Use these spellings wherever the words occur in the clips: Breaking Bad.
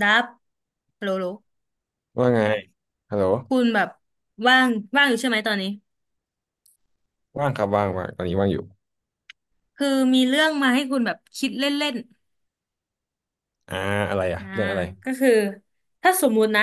ดับโลโลว่าไงฮัลโหลคุณแบบว่างว่างอยู่ใช่ไหมตอนนี้ว่างครับว่างว่างตอนนี้ว่างอยู่คือมีเรื่องมาให้คุณแบบคิดเล่นอ่าอะไรอะๆนะเรื่องอะไรก็คือถ้าสมมุตินะ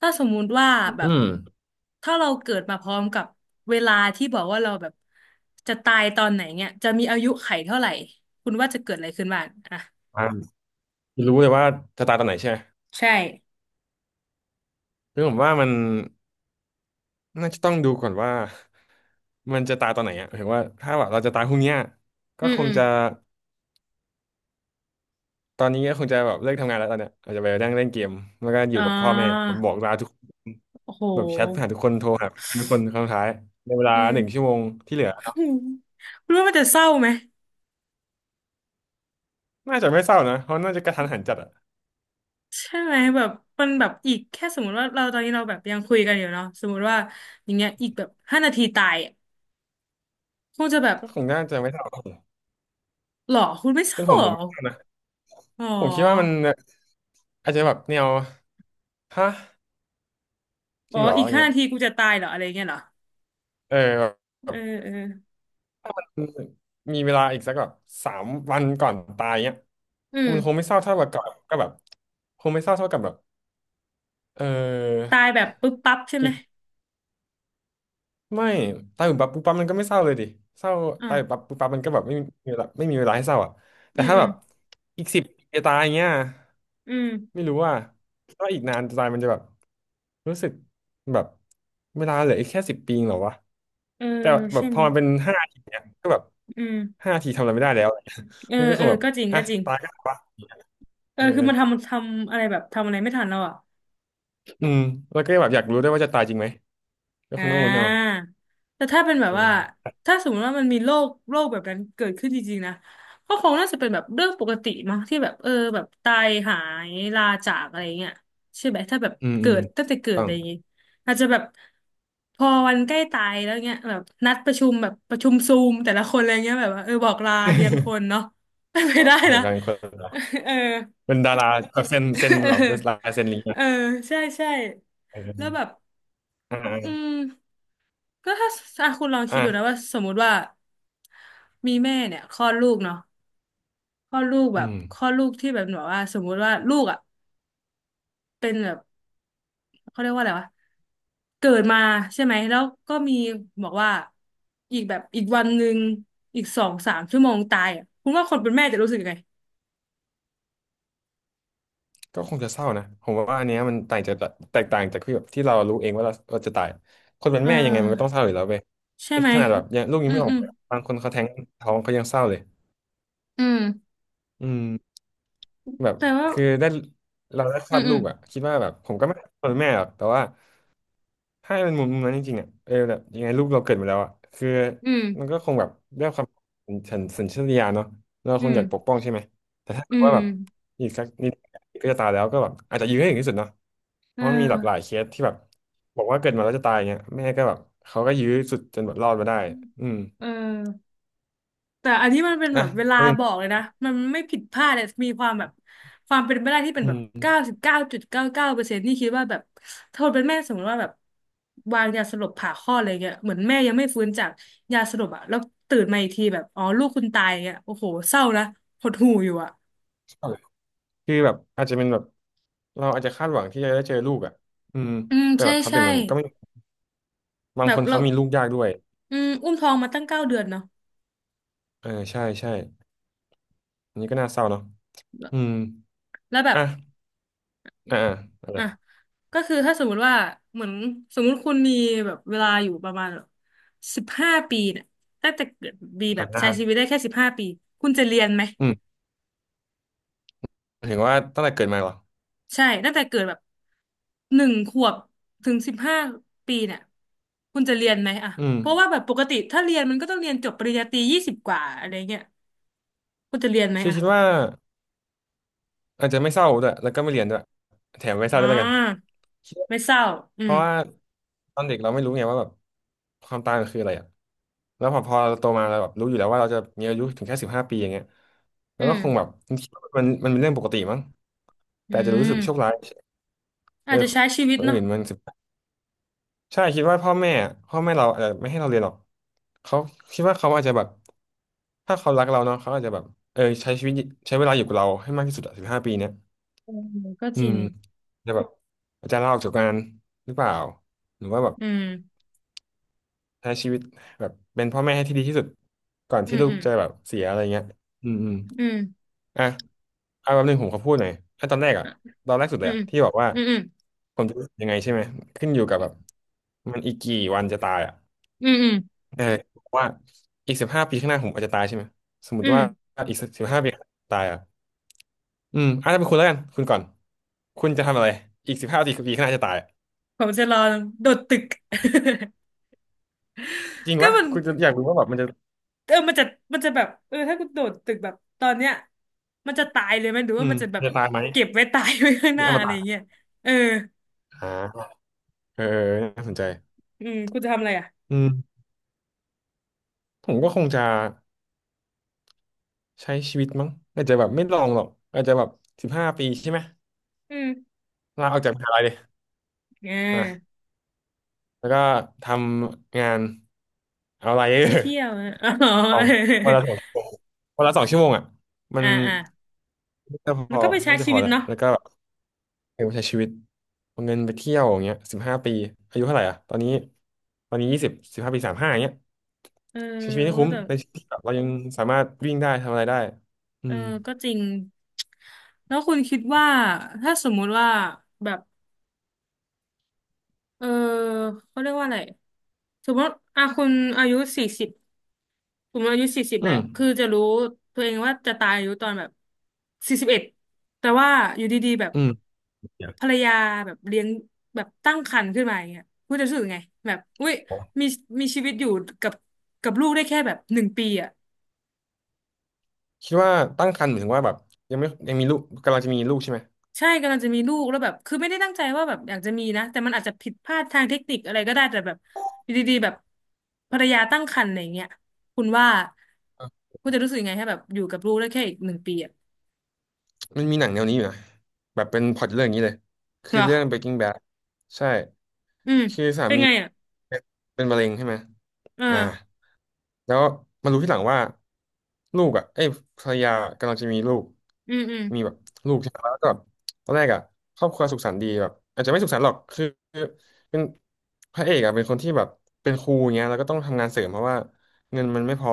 ถ้าสมมุติว่าแบอืบมถ้าเราเกิดมาพร้อมกับเวลาที่บอกว่าเราแบบจะตายตอนไหนเนี่ยจะมีอายุไขเท่าไหร่คุณว่าจะเกิดอะไรขึ้นบ้างอ่ะอ่ารู้เลยว่าจะตายตอนไหนใช่ไหมใช่คือผมว่ามันน่าจะต้องดูก่อนว่ามันจะตายตอนไหนอะหมายถึงว่าถ้าแบบเราจะตายพรุ่งเนี้ยก็อืมคอืงมจะ ตอนนี้ก็คงจะแบบเลิกทำงานแล้วตอนเนี้ยอาจจะไปนั่งเล่นเกมแล้วก็ออ่ยู่กับพ่อแม่ผามบอกลาทุกคนโอ้โหแบบแชทหาทุกคนโทรหาเพื่อนทุกคนครั้งสุดท้ายในเวลาอืม 1 ชั่วโมงที่เหลือ คุณว่ามันจะเศร้าไหม น่าจะไม่เศร้านะเพราะน่าจะกระทันหันจัดอะใช่ไหมแบบมันแบบอีกแค่สมมติว่าเราตอนนี้เราแบบยังคุยกันอยู่เนาะสมมติว่าอย่างเงี้ยอีกแบบห้านาทีตายอะคงจะแบบก็คงน่าจะไม่เศร้าหรอคุณไม่เศเป็ร้านผหมรอผมไม่เศร้านะ อ๋อผมคิดว่ามันอาจจะแบบแนวฮะจอ๋อริงเหรออีกอย่างห้าเงี้ยนาทีกูจะตายเหรออะไรเงี้ยเหรอเออแบบแบเออบเออมีเวลาอีกสักแบบ3 วันก่อนตายเงี้ยอืมันคงมไม่เศร้าเท่ากับก่อนก็แบบคงไม่เศร้าเท่ากับแบบเออตายแบบปึ๊บปั๊บใช่ไหมอีกไม่ตายแบบปั๊บปุ๊บปั๊บมันก็ไม่เศร้าเลยดิเศร้าอ่าตาวยแบบปั๊บปุ๊บปั๊บมันก็แบบไม่มีเวลาไม่มีเวลาให้เศร้าอ่ะแต่อืมถ้าอืแบมบอีกสิบปีจะตายเงี้ยอืมไม่รู้ว่าก็อีกนานจะตายมันจะแบบ รู้สึกแบบเวลาเหลืออีกแค่สิบปีเองเหรอวะเออแต่แบใช่บพไหอมมันเป็นห้าทีเนี่ยก็แบบอืมห้าทีทำอะไรไม่ได้แล้ว เออ มันก็คเอองแบบก็จริงอ่ะก็จริงตายก็ตายวะเออเอคือมันทำมัอนทำอะไรแบบทำอะไรไม่ทันแล้วอ่ะ อืมแล้วก็แบบอยากรู้ด้วยว่าจะตายจริงไหมก็อ่คงต้องลุ้นเอาาแต่ถ้าเป็นแบบเออว่าถ้าสมมติว่ามันมีโรคแบบนั้นเกิดขึ้นจริงๆนะก็คงน่าจะเป็นแบบเรื่องปกติมั้งที่แบบเออแบบตายหายลาจากอะไรเงี้ยใช่ไหมถ้าแบบอืมอืเกิมดตั้งแต่เกิดต้ออะง ไรอย่างงี้อาจจะแบบพอวันใกล้ตายแล้วเงี้ยแบบนัดประชุมแบบประชุมซูมแต่ละคนอะไรเงี้ยแบบว่าเออบอกลาเรียงคนเนาะ ไปได้ ขอนะ งการคน เออ เป็นดาราแบบเซ็น เเซ็นเหรอเป็นลาออยเซ็นลิงก์เออะอใช่ใช่เอแล้วแบบ ออ่อืามก็ถ้าคุณลองคิดดูนะอ่าว่าสมมุติว่ามีแม่เนี่ยคลอดลูกเนาะคลอดลูกแบอืบม คลอดลูกที่แบบแบบว่าสมมุติว่าลูกอ่ะเป็นแบบเขาเรียกว่าอะไรวะเกิดมาใช่ไหมแล้วก็มีบอกว่าอีกแบบอีกวันหนึ่งอีก2-3 ชั่วโมงตายอ่ะคุณว่าคนเป็นแม่จะรู้สึกยังไงก็คงจะเศร้านะผมว่าอันเนี้ยมันต่างจากแตกต่างจากที่แบบที่เรารู้เองว่าเราจะตายคนเป็นเอแม่ยังไงมันก็ต้องเศอร้าอยู่แล้วเว้ยใช่นไหมขนาดแบบยังลูกยัอืงมไม่อออืกมมาบางคนเขาแท้งท้องเขายังเศร้าเลยอืมอืมแบบแต่ว่าคือได้เราได้คอืลอมดอืลูมกอ่ะคิดว่าแบบผมก็ไม่เป็นแม่หรอกแต่ว่า ถ้าเป็นมุมนั้นจริงๆอ่ะเออแบบยังไงลูกเราเกิดมาแล้วอ่ะคืออืมมันก็คงแบบด้วยความสัสัญชาตญาณเนาะเราอืคงมอยากปกป้องใช่ไหมแต่ถ้าอืเกิดว่ามแบบอีกสักนิดก็จะตายแล้วก็แบบอาจจะยื้อให้ถึงที่สุดเนาะเพเอราะมันมีหลากหลายอเคสที่แบบบอกว่าเกิดมาแล้วจะตายเงี้ยแม่ก็แบบเขาก็ยื้อสุดจนแบบรอดมาได้อืมเออ แต่อันนี้มันเป็นอ่ะแบบเวลาประเด็บอกเลยนะมันไม่ผิดพลาดเลยมีความแบบความเป็นไปได้ที่เป็นอืแบบม99.99%นี่คิดว่าแบบถ้าคนเป็นแม่สมมติว่าแบบวางยาสลบผ่าคลอดอะไรเงี้ยเหมือนแม่ยังไม่ฟื้นจากยาสลบอ่ะแล้วตื่นมาอีกทีแบบอ๋อลูกคุณตายเงี้ยโอ้โหเศร้านะหดหู่อยู่อ่ะคือแบบอาจจะเป็นแบบเราอาจจะคาดหวังที่จะได้เจอลูกอ่ะอืมอืมแต่ใช่แบบพอใช่ตื่นมันก็ไม่บาแบงคบนเราเขามีลูกยากด้วยอืมอุ้มท้องมาตั้ง9 เดือนเนาะเออใช่ใช่อันนี้ก็น่าเศร้าเนาะ แล้วอืม แล้วแบบ อ่ะอ่าอะอะไรอ่ะก็คือถ้าสมมุติว่าเหมือนสมมุติคุณมีแบบเวลาอยู่ประมาณแบบสิบห้าปีเนี่ยตั้งแต่เกิดบีอแบบใช้ชีวิต่าได้แค่สิบห้าปีคุณจะเรียนไหมอืมหมายถึงว่าตั้งแต่เกิดมาเหรอ ใช่ตั้งแต่เกิดแบบ1 ขวบถึงสิบห้าปีเนี่ยคุณจะเรียนไหมอ่ะอืมเพราะว่าแบบปกติถ้าเรียนมันก็ต้องเรียนจบปริญญาตรี20 กว่าอะไรเงี้ยคุณจะเรียนไหมคิดอ่ะคิดว่าอาจจะไม่เศร้าด้วยแล้วก็ไม่เรียนด้วยแถมไม่เศอ่ร้าด้วยแล้วกันาคิดว่าไม่เศร้าอืเพมราะว่าตอนเด็กเราไม่รู้ไงว่าแบบความตายมันคืออะไรอ่ะแล้วพอเราโตมาเราแบบรู้อยู่แล้วว่าเราจะมีอายุถึงแค่สิบห้าปีอย่างเงี้ยแล้อืวก็มคงแบบคิดว่ามันเป็นเรื่องปกติมั้ง แต่อือาจจะรู้มสึกโชคร้ายเออาอจจะใช้ชีวิตคนเนาะอื่นมัน ใช่คิดว่าพ่อแม่เราอาจจะไม่ให้เราเรียนหรอกเขาคิดว่าเขาอาจจะแบบถ้าเขารักเราเนาะเขาอาจจะแบบเออใช้ชีวิตใช้เวลาอยู่กับเราให้มากที่สุดอะสิบห้าปีเนี้ยอืมก็อืจริมงจะแบบอาจจะลาออกจากงานหรือเปล่าหรือว่าแบบอืมใช้ชีวิตแบบเป็นพ่อแม่ให้ที่ดีที่สุดก่อนอืที่มลูอืกม จะแบบเสียอะไรเงี้ยอืมอืมอืมอ่ะเอาแบบหนึ่งผมขอพูดหน่อยอ่ะตอนแรกอะอ่ะตอนแรกสุดเลอืยมอะที่บอกว่าอืมอผมจะยังไงใช่ไหมขึ้นอยู่กับแบบมันอีกกี่วันจะตายอะ ืมอืมเออว่าอีก15 ปีข้างหน้าผมอาจจะตายใช่ไหมสมมอืติว่ามอีกสิบห้าปีข้างหน้าตายอ่ะอาจจะเป็นคุณแล้วกันคุณก่อนคุณจะทำอะไรอีกสิบห้าปีข้างหน้าจะตายผมจะรอโดดตึก จริงก็ปะมันคุณจะอยากรู้ว่าแบบมันจะเออมันจะมันจะแบบเออถ้ากูโดดตึกแบบตอนเนี้ยมันจะตายเลยไหมหรือว่ามันจะแบมันบจะตายไหมเก็บไว้ตายไว้ข้างหเป็นน้า อ มอะไรอย่างตะเงี้ยเอออ่าเออน่าสนใจอืมกูจะทำอะไรอ่ะอืมผมก็คงจะใช้ชีวิตมั้งอาจจะแบบไม่ลองหรอกอาจจะแบบสิบห้าปีใช่ไหมอืมลาออกจากมหาลัยเลยอ่อ่ะาแล้วก็ทำงานเอาอะไร ไปเที่ยวอะ อ๋อ สองวันละสองชั่วโมงวันละสองชั่วโมงอ่ะ มัอ่านอ่าน่าจะพแล้วอก็ไปใช้ชีวิตแล้วเนาะแล้วก็เออใช้ชีวิตเอาเงินไปเที่ยวอย่างเงี้ยสิบห้าปีอายุเท่าไหร่อ่ะตอนนี้20สิบห้าปีสามห้าอย่างเงี้ยเออใช้ชีวิตให้โอ้คุ้มแต่ในชีวิตที่แบบเรายังสามารถวิ่งได้ทำอะไรได้อืเออมก็จริง แล้วคุณคิดว่า ถ้าสมมุติว่าแบบ เออเขาเรียกว่าอะไรสมมติอ่ะคุณอายุสี่สิบผมอายุสี่สิบแหอืละมคือจะรู้ตัวเองว่าจะตายอายุตอนแบบ41แต่ว่าอยู่ดีๆแบบอืมเดี๋ยภรรยาแบบเลี้ยงแบบตั้งครรภ์ขึ้นมาอย่างเงี้ยคุณจะรู้สึกไงแบบอุ้ยวขอมีมีชีวิตอยู่กับกับลูกได้แค่แบบหนึ่งปีอ่ะ คิดว่าตั้งครรภ์หมายถึงว่าแบบยังมีลูกกำลังจะมีลูกใช่ไหมใช่กำลังจะมีลูกแล้วแบบคือไม่ได้ตั้งใจว่าแบบอยากจะมีนะแต่มันอาจจะผิดพลาดทางเทคนิคอะไรก็ได้แต่แบบอยู่ดีๆแบบภรรยาตั้งครรภ์อะไรอย่างเงี้ยคุณว่าคุณจะรู้สึกยังไงให้แบบอยู่กับลูกได้แค่อีกหนึ่งปีอ่ะมันมีหนังแนวนี้อยู่นะแบบเป็นพล็อตเรื่องอย่างนี้เลยเหคืรออเรื่อง Breaking Bad ใช่ อืมคือสาเป็นมีไงอ่ะเป็นมะเร็งใช่ไหมเออ่าอแล้วมารู้ที่หลังว่าลูกอ่ะเอ้ยภรรยากำลังจะมีลูกอืมอืมมีแบบลูกใช่ไหมแล้วก็แบบตอนแรกอ่ะครอบครัวสุขสันต์ดีแบบอาจจะไม่สุขสันต์หรอกคือเป็นพระเอกอ่ะเป็นคนที่แบบเป็นครูเงี้ยแล้วก็ต้องทำงานเสริมเพราะว่าเงินมันไม่พอ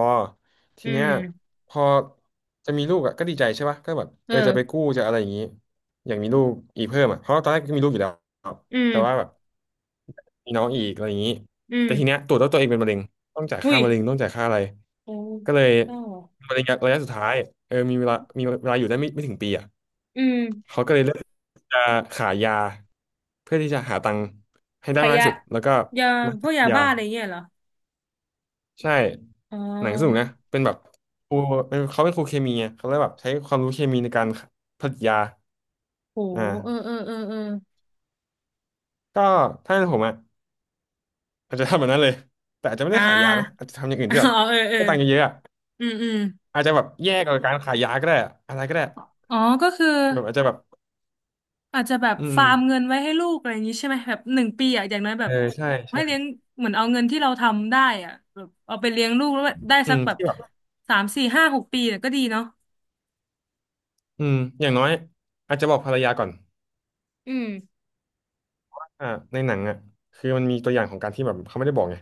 ทีอืเนี้ยมพอจะมีลูกอ่ะก็ดีใจใช่ปะก็แบบเออจะไปเออกู้จะอะไรอย่างงี้อยากมีลูกอีกเพิ่มอ่ะเพราะว่าตอนแรกก็มีลูกอยู่แล้ว อืแต่ว่าแบมบมีน้องอีกอะไรอย่างนี้อืมแต่ทีเนี้ยตรวจแล้วตัวเองเป็นมะเร็งต้องจ่ายอุ้ค่ายมะเร็งต้องจ่ายค่าอะไรโอ้ก็เลยก็มะเร็งระยะสุดท้ายเออมีเวลามีเวลาอยู่ได้ไม่ถึงปีอ่ะอืมเขาก็เลยเลือกจะขายยาเพื่อที่จะหาตังค์ให้ได้ขมากยะที่สุดแล้วก็ยามาพวขากยยายาบ้าอะไรเงี้ยเหรอใช่อ๋หนังสนุกอนะเป็นแบบครูเป็นเขาเป็นครูเคมีไงเขาเลยแบบใช้ความรู้เคมีในการผลิตยาโหอ่าเออเออเออเออก็ถ้าเป็นผมอ่ะ อาจจะทำแบบนั้นเลยแต่อาจจะไม่อ่ได้ขายยานะอาา จจะทำอย่างอื่ นที่แบอ๋อบเออเออ ได้ตังค์เยอะๆอะอืมอืมอาจจะแบบแยกกับการขายยาก็ได้อะอะไรก็ได้อ๋อก็คือแบบอาจจะแบบอาจจะแบบอืมฟาร์มเงินไว้ให้ลูกอะไรอย่างนี้ใช่ไหมแบบหนึ่งปีอ่ะอย่างน้อยแบเอบอใช่ให้ใช่เลี้ยงเหมือนเอาเงินที่เราทำได้อ่ะแบบเอาไปเลี้ยงลูกแล้วได้อืสักมแบบที่แบบ3-4-5-6 ปีเนี่ยก็ดีเนาะอืมอย่างน้อยอาจจะบอกภรรยาก่อนอืมอ่าในหนังอ่ะคือมันมีตัวอย่างของการที่แบบเขาไม่ได้บอกไง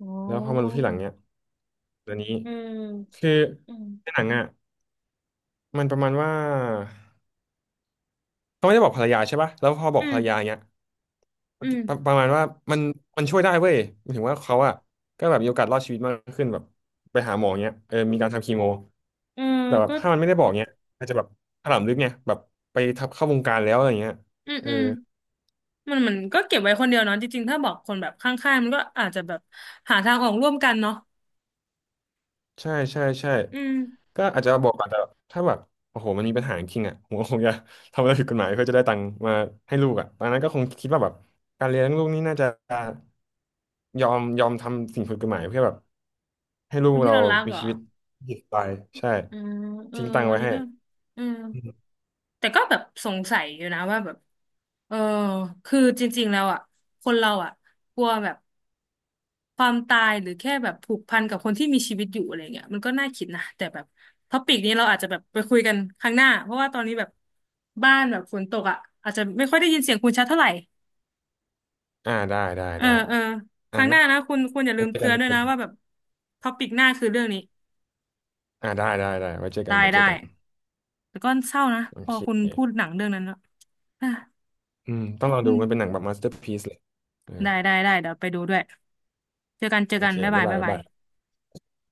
โอ้แล้วพอมารู้ทีหลังเนี้ยตัวนี้อืมคืออืมในหนังอ่ะมันประมาณว่าเขาไม่ได้บอกภรรยาใช่ป่ะแล้วพอบออืกภรมรยาเนี้ย อืมปรประมาณว่ามันมันช่วยได้เว้ยหมายถึงว่าเขาอะก็แบบมีโอกาสรอดชีวิตมากขึ้นแบบไปหาหมอเงี้ยเออมีการทำคีโมเออแต่แบบก็ถ้ามันไม่ได้บอกเงี้ยอาจจะแบบถลำลึกเนี่ยแบบไปทับเข้าวงการแล้วอะไรเงี้ยอืมเออ อืมมันเหมือนก็เก็บไว้คนเดียวเนาะจริงๆถ้าบอกคนแบบข้างๆมันก็อาจจะแบบหาทางออกร่วมกันเนาะใช่ใช่ใช่อืมก็อาจจะบอกอาจจะถ้าแบบโอ้โหมันมีปัญหาจริงๆอ่ะผมก็คงจะทำอะไรผิดกฎหมายเพื่อจะได้ตังค์มาให้ลูกอ่ะตอนนั้นก็คงคิดว่าแบบการเลี้ยงลูกนี่น่าจะยอมทำสิ่งผิดกฎหมายเพื่อแบบให้ลูคกนที่เราเรารักมีเหรอชีวิตหยุดไปใช่อืมเออทิ้งตังค์อันไว้นี้ให้ก็อืม อืมแต่ก็แบบสงสัยอยู่นะว่าแบบเออคือจริงๆแล้วอ่ะคนเราอ่ะกลัวแบบความตายหรือแค่แบบผูกพันกับคนที่มีชีวิตอยู่อะไรเงี้ยมันก็น่าคิดนะแต่แบบท็อปิกนี้เราอาจจะแบบไปคุยกันครั้งหน้าเพราะว่าตอนนี้แบบบ้านแบบฝนตกอ่ะอาจจะไม่ค่อยได้ยินเสียงคุณชัดเท่าไหร่อ่าได้ได้เออได้เออคอ่ะรั้งหนะน้านะคุณคุณอย่าลืไว้มเจอเตืกันอนไว้ด้วเจยอนะกันว่าแบบท็อปิกหน้าคือเรื่องนี้อ่าได้ได้ได้ไว้เจอกันได้ไว้เจได้อกันแต่ก็เศร้านะโอพอเคคุณพูดหนังเรื่องนั้นแล้วอ่ะอืมต้องลองอืดูม มันเป็นหนังแบบมาสเตอร์พีซเลยเออได้ได้ได้เดี๋ยวไปดูด้วยเจอกันเจอโอกันเคบ๊ายบ๊าบายยบายบ๊ายบ๊ายบายบาย